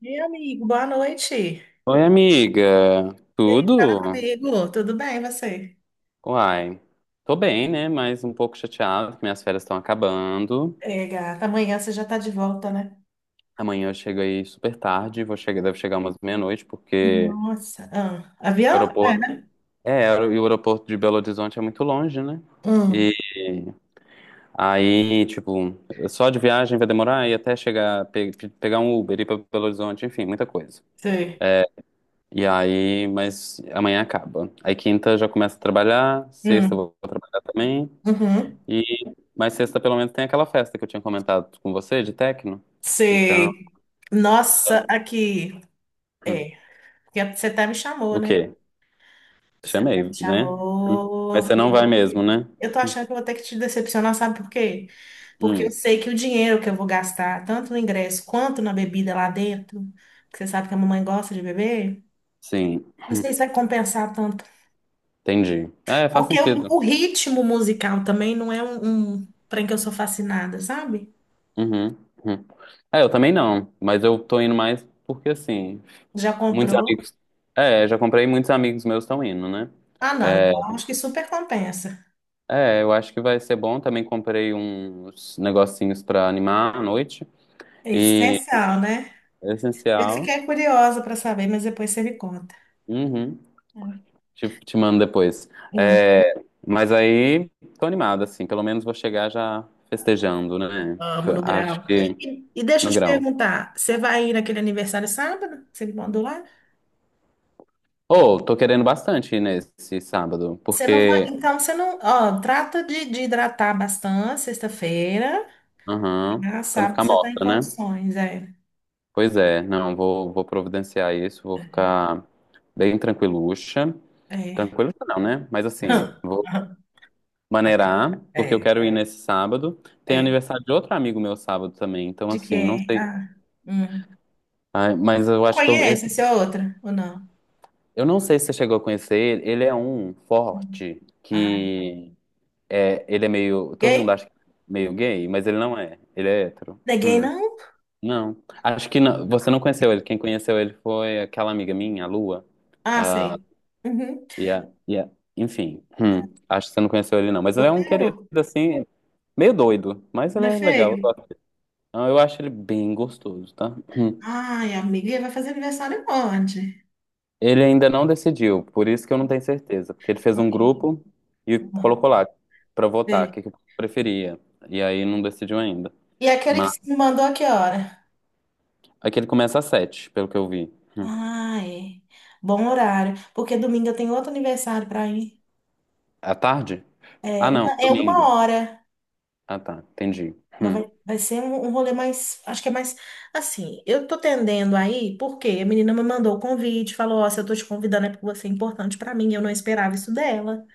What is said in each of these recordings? Meu amigo, boa noite. Oi, amiga. E aí, fala Tudo? comigo, tudo bem, você? Uai. Tô bem, né? Mas um pouco chateado que minhas férias estão acabando. É, gata, amanhã você já tá de volta, né? Amanhã eu chego aí super tarde. Vou chegar, deve chegar umas meia-noite, porque Nossa, ah, o avião? aeroporto. É, e o aeroporto de Belo Horizonte é muito longe, né? Hum, E aí, tipo, só de viagem vai demorar e até chegar, pegar um Uber, ir pra Belo Horizonte, enfim, muita coisa. sei. E aí, mas amanhã acaba. Aí quinta eu já começo a trabalhar, sexta eu Hum, vou trabalhar também. uhum, E, mas sexta pelo menos tem aquela festa que eu tinha comentado com você de techno. Então, sei. Nossa, aqui, hum, é, porque você até me chamou, o né? quê? Você até me Chamei, né? Hum. Mas chamou. você E não vai mesmo, né? eu tô achando que eu vou ter que te decepcionar, sabe por quê? Porque eu Hum, sei que o dinheiro que eu vou gastar, tanto no ingresso quanto na bebida lá dentro, que você sabe que a mamãe gosta de beber, sim, não sei se vai compensar tanto. entendi. É, faz Porque o, sentido. o ritmo musical também não é um trem que eu sou fascinada, sabe? Uhum, uhum. É, eu também não, mas eu tô indo mais porque assim, Já muitos comprou? amigos. É, já comprei, muitos amigos meus estão indo, né? Ah, não. É, Então acho que super compensa. é eu acho que vai ser bom. Também comprei uns negocinhos pra animar a noite. É E essencial, né? é Eu essencial. fiquei curiosa para saber, mas depois você me conta. Uhum. Te mando depois. Hum, É, mas aí, tô animado, assim. Pelo menos vou chegar já festejando, né? amo no Acho grau. que E deixa eu no te grão. perguntar, você vai ir naquele aniversário sábado? Você me mandou lá? Ô, tô querendo bastante ir nesse sábado, Você não vai, porque... então você não, ó, trata de hidratar bastante sexta-feira, Aham, tá? pra não Sábado ficar você tá em morta, né? condições, é. Pois é, não, vou providenciar isso, vou ficar bem tranquiluxa. É. Tranquiluxa não, né? Mas assim, vou maneirar, porque eu É. quero ir nesse sábado. Tem É. aniversário de outro amigo meu sábado também, então De assim, não quem? sei... Ah, hum. Ai, mas eu Não acho que conheço, essa é outra, ou não? eu não sei se você chegou a conhecer ele. Ele é um Hum. forte Ai, que é, ele é meio, todo mundo gay? acha que é meio gay, mas ele não é. Ele é hétero. Não é gay, não? Não. Acho que não. Você não conheceu ele. Quem conheceu ele foi aquela amiga minha, a Lua. Ah, Ah, sei. Uhum. e a- e a- Enfim, acho que você não conheceu ele não, mas ele é um querido Solteiro? assim, meio doido, mas ele Não é é legal. Eu feio? gosto. Ah, eu acho ele bem gostoso, tá? Hum. Ai, amiga, e vai fazer aniversário onde? Ele ainda não decidiu, por isso que eu não tenho certeza, porque ele fez um Ok. grupo e Uhum. colocou lá pra votar o Sei. que que preferia, e aí não decidiu ainda. E aquele que Mas se me mandou a que hora? aqui ele começa às 7h, pelo que eu vi. Hum. Ai, bom horário, porque domingo eu tenho outro aniversário para ir. À tarde? Ah, É, não, na- é uma domingo. hora. Ah, tá, entendi. Mas Hum. vai ser um rolê mais. Acho que é mais. Assim, eu tô tendendo aí, porque a menina me mandou o convite, falou: Ó, se eu tô te convidando é porque você é importante pra mim, eu não esperava isso dela.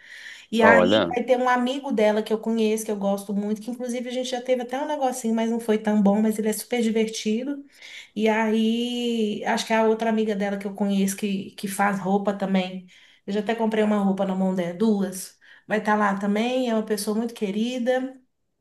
E aí Olha, vai ter um amigo dela que eu conheço, que eu gosto muito, que inclusive a gente já teve até um negocinho, mas não foi tão bom, mas ele é super divertido. E aí, acho que a outra amiga dela que eu conheço, que faz roupa também. Eu já até comprei uma roupa na mão dela, duas. Vai estar lá também, é uma pessoa muito querida.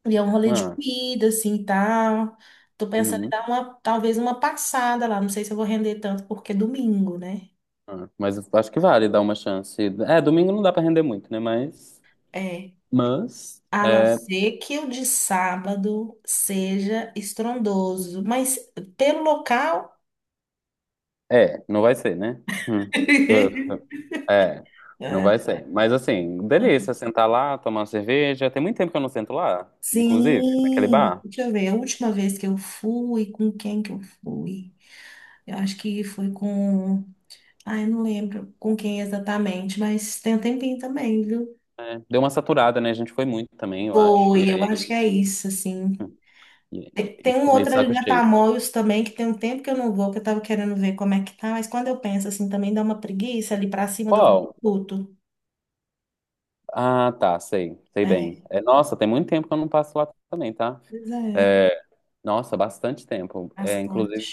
E é um rolê de ah, comida, assim, e tal. Tô pensando em uhum, dar uma, talvez uma passada lá. Não sei se eu vou render tanto, porque é domingo, né? ah. Mas eu acho que vale dar uma chance. É, domingo não dá pra render muito, né? Mas, É. mas, A não é, ser que o de sábado seja estrondoso. Mas pelo local. Não vai ser, né? Hum. É, não É. vai ser. Mas assim, delícia sentar lá, tomar uma cerveja. Tem muito tempo que eu não sento lá, inclusive, naquele Sim, bar. deixa eu ver. A última vez que eu fui, com quem que eu fui? Eu acho que foi com. Ai, eu não lembro com quem exatamente, mas tem um tempinho também, viu? É, deu uma saturada, né? A gente foi muito também, eu acho. E, Foi, eu aí- acho que é isso, assim. e- e Tem um ficou meio de outro ali saco na cheio. Tamoios também, que tem um tempo que eu não vou, que eu tava querendo ver como é que tá, mas quando eu penso assim, também dá uma preguiça ali pra cima do Qual? viaduto. Ah, tá, sei, sei É, bem. É, nossa, tem muito tempo que eu não passo lá também, tá? pois é, É, nossa, bastante tempo. É, bastante. inclusive,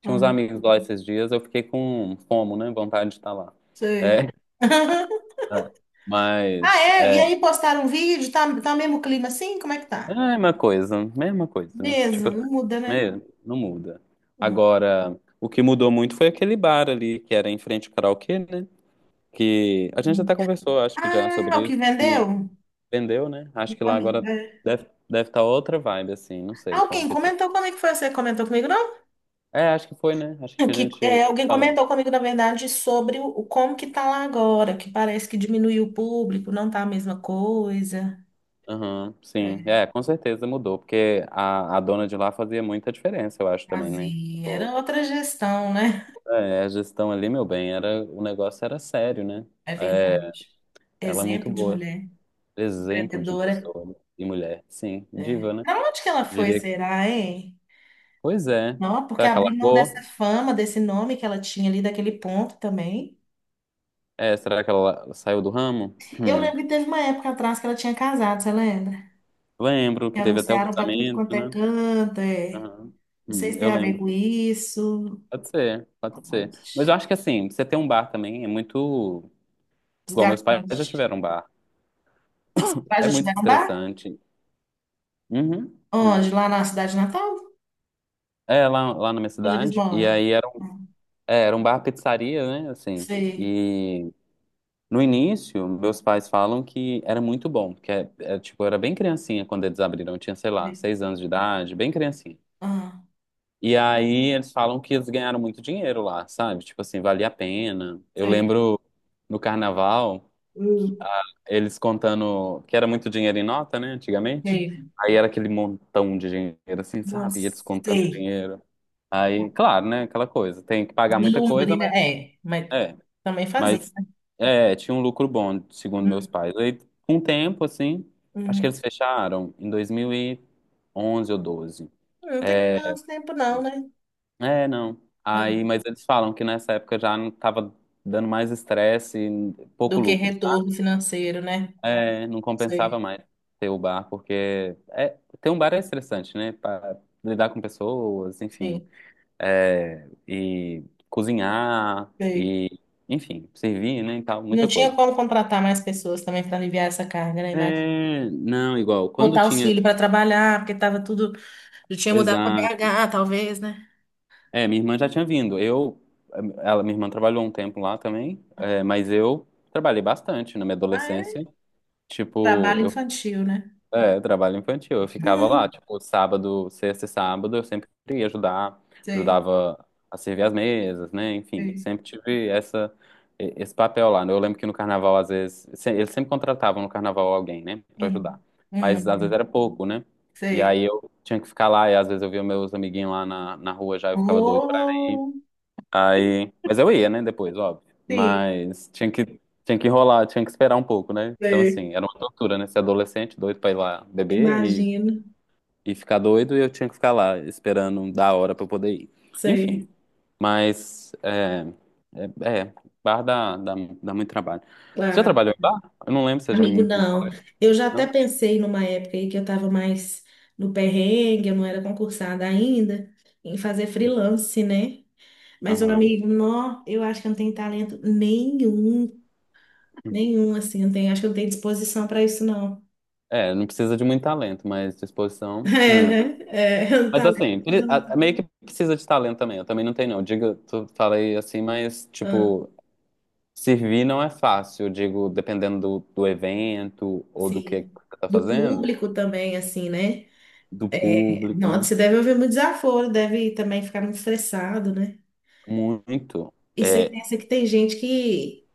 tinha uns Hum. amigos lá esses dias, eu fiquei com fomo, né? Vontade de estar lá. Sei. É, Ah, mas é? E aí é, postaram um vídeo, tá, tá mesmo clima assim? Como é que é a tá? mesma coisa, mesma coisa. Tipo Mesmo, não muda, né? é, não muda. Hum, Agora, o que mudou muito foi aquele bar ali, que era em frente ao karaokê, né? Que a gente hum. até conversou, acho que já, Ah, o sobre que isso, que vendeu? vendeu, né? Acho que lá agora Amiga. deve estar outra vibe, assim, não sei como Alguém que tá. comentou como é que foi? Você comentou comigo? Não? É, acho que foi, né? Acho que Que, é, eu te alguém falei. comentou comigo, na verdade, sobre o como que tá lá agora, que parece que diminuiu o público, não tá a mesma coisa. Aham, sim. É, É, com certeza mudou, porque a dona de lá fazia muita diferença, eu acho também, né? fazia. Era Tipo, outra gestão, né? é, a gestão ali, meu bem, era, o negócio era sério, né? É É, verdade. ela é muito Exemplo de boa. mulher Exemplo de empreendedora. pessoa e mulher. Sim, É. diva, né? Pra onde que ela foi, Diria que. será, hein? Pois é. Não, porque Será que ela abrir mão dessa largou? fama, desse nome que ela tinha ali, daquele ponto também. É, será que ela saiu do ramo? Eu Hum. lembro que teve uma época atrás que ela tinha casado, você lembra? Lembro Que que teve até o anunciaram pra tudo quanto casamento, é né? canto, é. Aham. Não sei Hum, se tem eu a ver lembro. com isso. Pode ser, pode ser. Onde? Mas eu acho que assim, você ter um bar também é muito. Os Igual meus pais garotos. já tiveram um bar. Lá É de muito Tirambá? estressante. Uhum. Uhum. Onde? Lá na cidade natal? É, lá na minha Onde eles cidade. E moram? aí era, um- Ah, é, era um bar pizzaria, né? Assim. sei. E. No início, meus pais falam que era muito bom, porque é, tipo, eu era bem criancinha quando eles abriram, eu tinha, sei lá, 6 anos de idade, bem criancinha. Ah, E aí eles falam que eles ganharam muito dinheiro lá, sabe? Tipo assim, valia a pena. Eu sei. lembro no carnaval, que, Hum, eles contando que era muito dinheiro em nota, né, antigamente. sei. Aí era aquele montão de dinheiro, assim, sabe? E eles Nossa, contando sei. dinheiro. Aí, claro, né, aquela coisa, tem que pagar muita coisa, Lombrina, mas é. Mas é. também fazia. Mas é, tinha um lucro bom, segundo meus Hum, pais. Aí, com o tempo, assim, acho que hum. eles fecharam em 2011 ou 12. Não tem É, tanto tempo não, né? é, não. Aí, É. mas eles falam que nessa época já não tava dando mais estresse e pouco Do que lucro, retorno sabe? financeiro, né? É, não compensava Sei, mais ter o bar, porque é, ter um bar é estressante, né? Pra lidar com pessoas, enfim. sim, É, e cozinhar, sei. e, enfim, servir, né? E tal, Não muita tinha coisa. como contratar mais pessoas também para aliviar essa carga, né? Imagina. É, não, igual, quando Botar os tinha, filhos para trabalhar, porque estava tudo. Ele tinha mudado para exato, BH, talvez, né? é, minha irmã já tinha vindo, ela, minha irmã trabalhou um tempo lá também, é, mas eu trabalhei bastante na minha Ah, é? adolescência, tipo, Trabalho eu infantil, né? É, trabalho infantil. Eu ficava lá, Uhum. tipo, sábado, sexta e sábado, eu sempre ia ajudar, Sei, ajudava a servir as mesas, né? Enfim, sei. sempre tive esse papel lá. Né? Eu lembro que no carnaval, às vezes, eles sempre contratavam no carnaval alguém, né, pra ajudar. Uhum. Mas às vezes Uhum. era pouco, né? E Sei. aí eu tinha que ficar lá, e às vezes eu via meus amiguinhos lá na rua já, eu ficava doido pra ir. Oh, Aí, mas eu ia, né, depois, óbvio. sim, Mas tinha que, enrolar, tinha que esperar um pouco, né? Então, sei. assim, era uma tortura, né? Ser adolescente, doido pra ir lá beber e, Imagino. e ficar doido, e eu tinha que ficar lá esperando da hora pra eu poder ir. Enfim, Sei, mas é, é, é, bar dá muito trabalho. Você já claro. trabalhou em bar? Eu não lembro se você já Amigo, me falou não. isso, Eu já até não? pensei numa época aí que eu estava mais no perrengue, eu não era concursada ainda, em fazer freelance, né? Mas, meu Aham. amigo, não, eu acho que eu não tenho talento nenhum, nenhum, assim, eu não tenho, acho que eu não tenho disposição para isso, não. É, não precisa de muito talento, mas disposição. É, Hum. né? É, um Mas talento. assim, meio que precisa de talento também. Eu também não tenho, não. Digo, tu falei assim, mas, Ah, tipo, servir não é fácil. Eu digo, dependendo do, evento ou do sim. que tá Do fazendo, público também, assim, né? do É, não, público, você deve ouvir muito desaforo, deve também ficar muito estressado, né? muito. E você É, pensa que tem gente que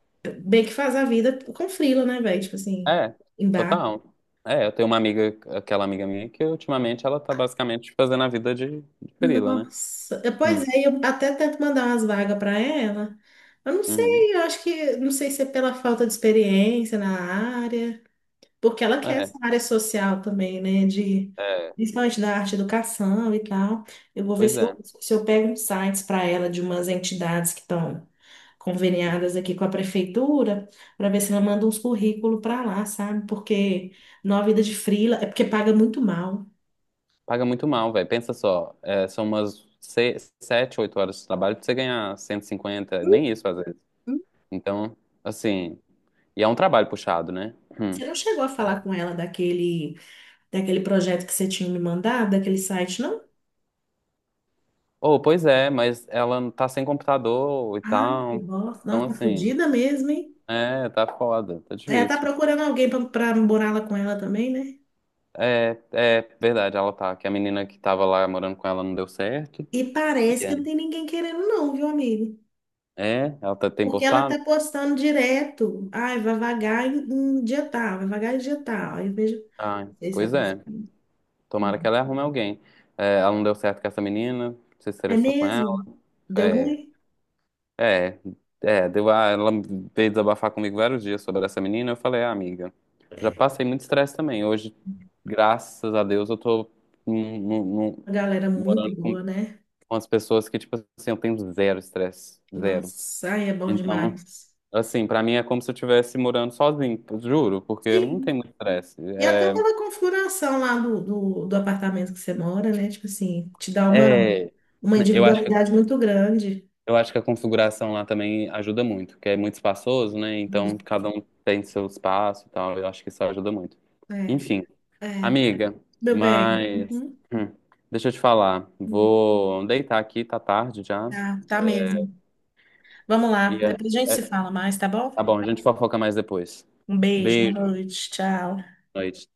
bem que faz a vida com frila, né, velho? Tipo assim, é, em bar. total. É, eu tenho uma amiga, aquela amiga minha, que ultimamente ela tá basicamente fazendo a vida de frila, né? Nossa, é, pois Hum, é, eu até tento mandar umas vagas para ela. Eu não uhum. sei, eu acho que, não sei se é pela falta de experiência na área. Porque ela quer É, essa área social também, né? De, é, principalmente da arte e educação e tal. Eu vou ver pois se é. eu, se eu pego uns sites para ela de umas entidades que estão conveniadas aqui com a prefeitura, para ver se ela manda uns currículos para lá, sabe? Porque numa vida de frila é porque paga muito mal. Paga muito mal, velho. Pensa só, é, são umas 7, 8 horas de trabalho pra você ganhar 150, nem isso às vezes. Uhum. Então, assim, e é um trabalho puxado, né? Hum. Você não chegou a falar com ela daquele, daquele projeto que você tinha me mandado, daquele site, não? Oh, pois é, mas ela não tá sem computador e Ai, que tal. bosta. Então, Nossa, tá assim, fodida mesmo, hein? é, tá foda, tá Ela tá difícil. procurando alguém para morar lá com ela também, né? É verdade, ela tá. Que a menina que tava lá morando com ela não deu certo. E E parece que é, não tem ninguém querendo, não, viu, amigo? Ela tá, tem Porque ela postado? tá postando direto. Ai, vai vagar em em dia tal, vai vagar em dia tal. Aí eu vejo. Ah, Não sei se é pois pra- é. Tomara que ela arrume alguém. É, ela não deu certo com essa menina, se É estressou com ela. mesmo? Deu é, ruim? É, ela veio desabafar comigo vários dias sobre essa menina. Eu falei, ah, amiga, já passei muito estresse também. Hoje, graças a Deus, eu tô num- num- num- A galera é muito morando com boa, né? com as pessoas que, tipo assim, eu tenho zero estresse, zero. Nossa, ai, é bom Então, demais. assim, pra mim é como se eu estivesse morando sozinho, juro, porque não tem Sim. muito estresse. E até pela configuração lá do apartamento que você mora, né? Tipo assim, te dá é, uma eu acho individualidade muito grande. Eu acho que a configuração lá também ajuda muito, porque é muito espaçoso, né? Então Isso. cada um tem seu espaço e tal. Eu acho que isso ajuda muito. É, Enfim, é. amiga, Meu bem. mas hum, deixa eu te falar. Uhum. Vou deitar aqui, tá tarde já. Tá, tá mesmo. Vamos lá, E é- depois a gente é- se fala mais, tá bom? tá bom, a gente fofoca mais depois. Um beijo, boa Beijo, noite, tchau. boa noite.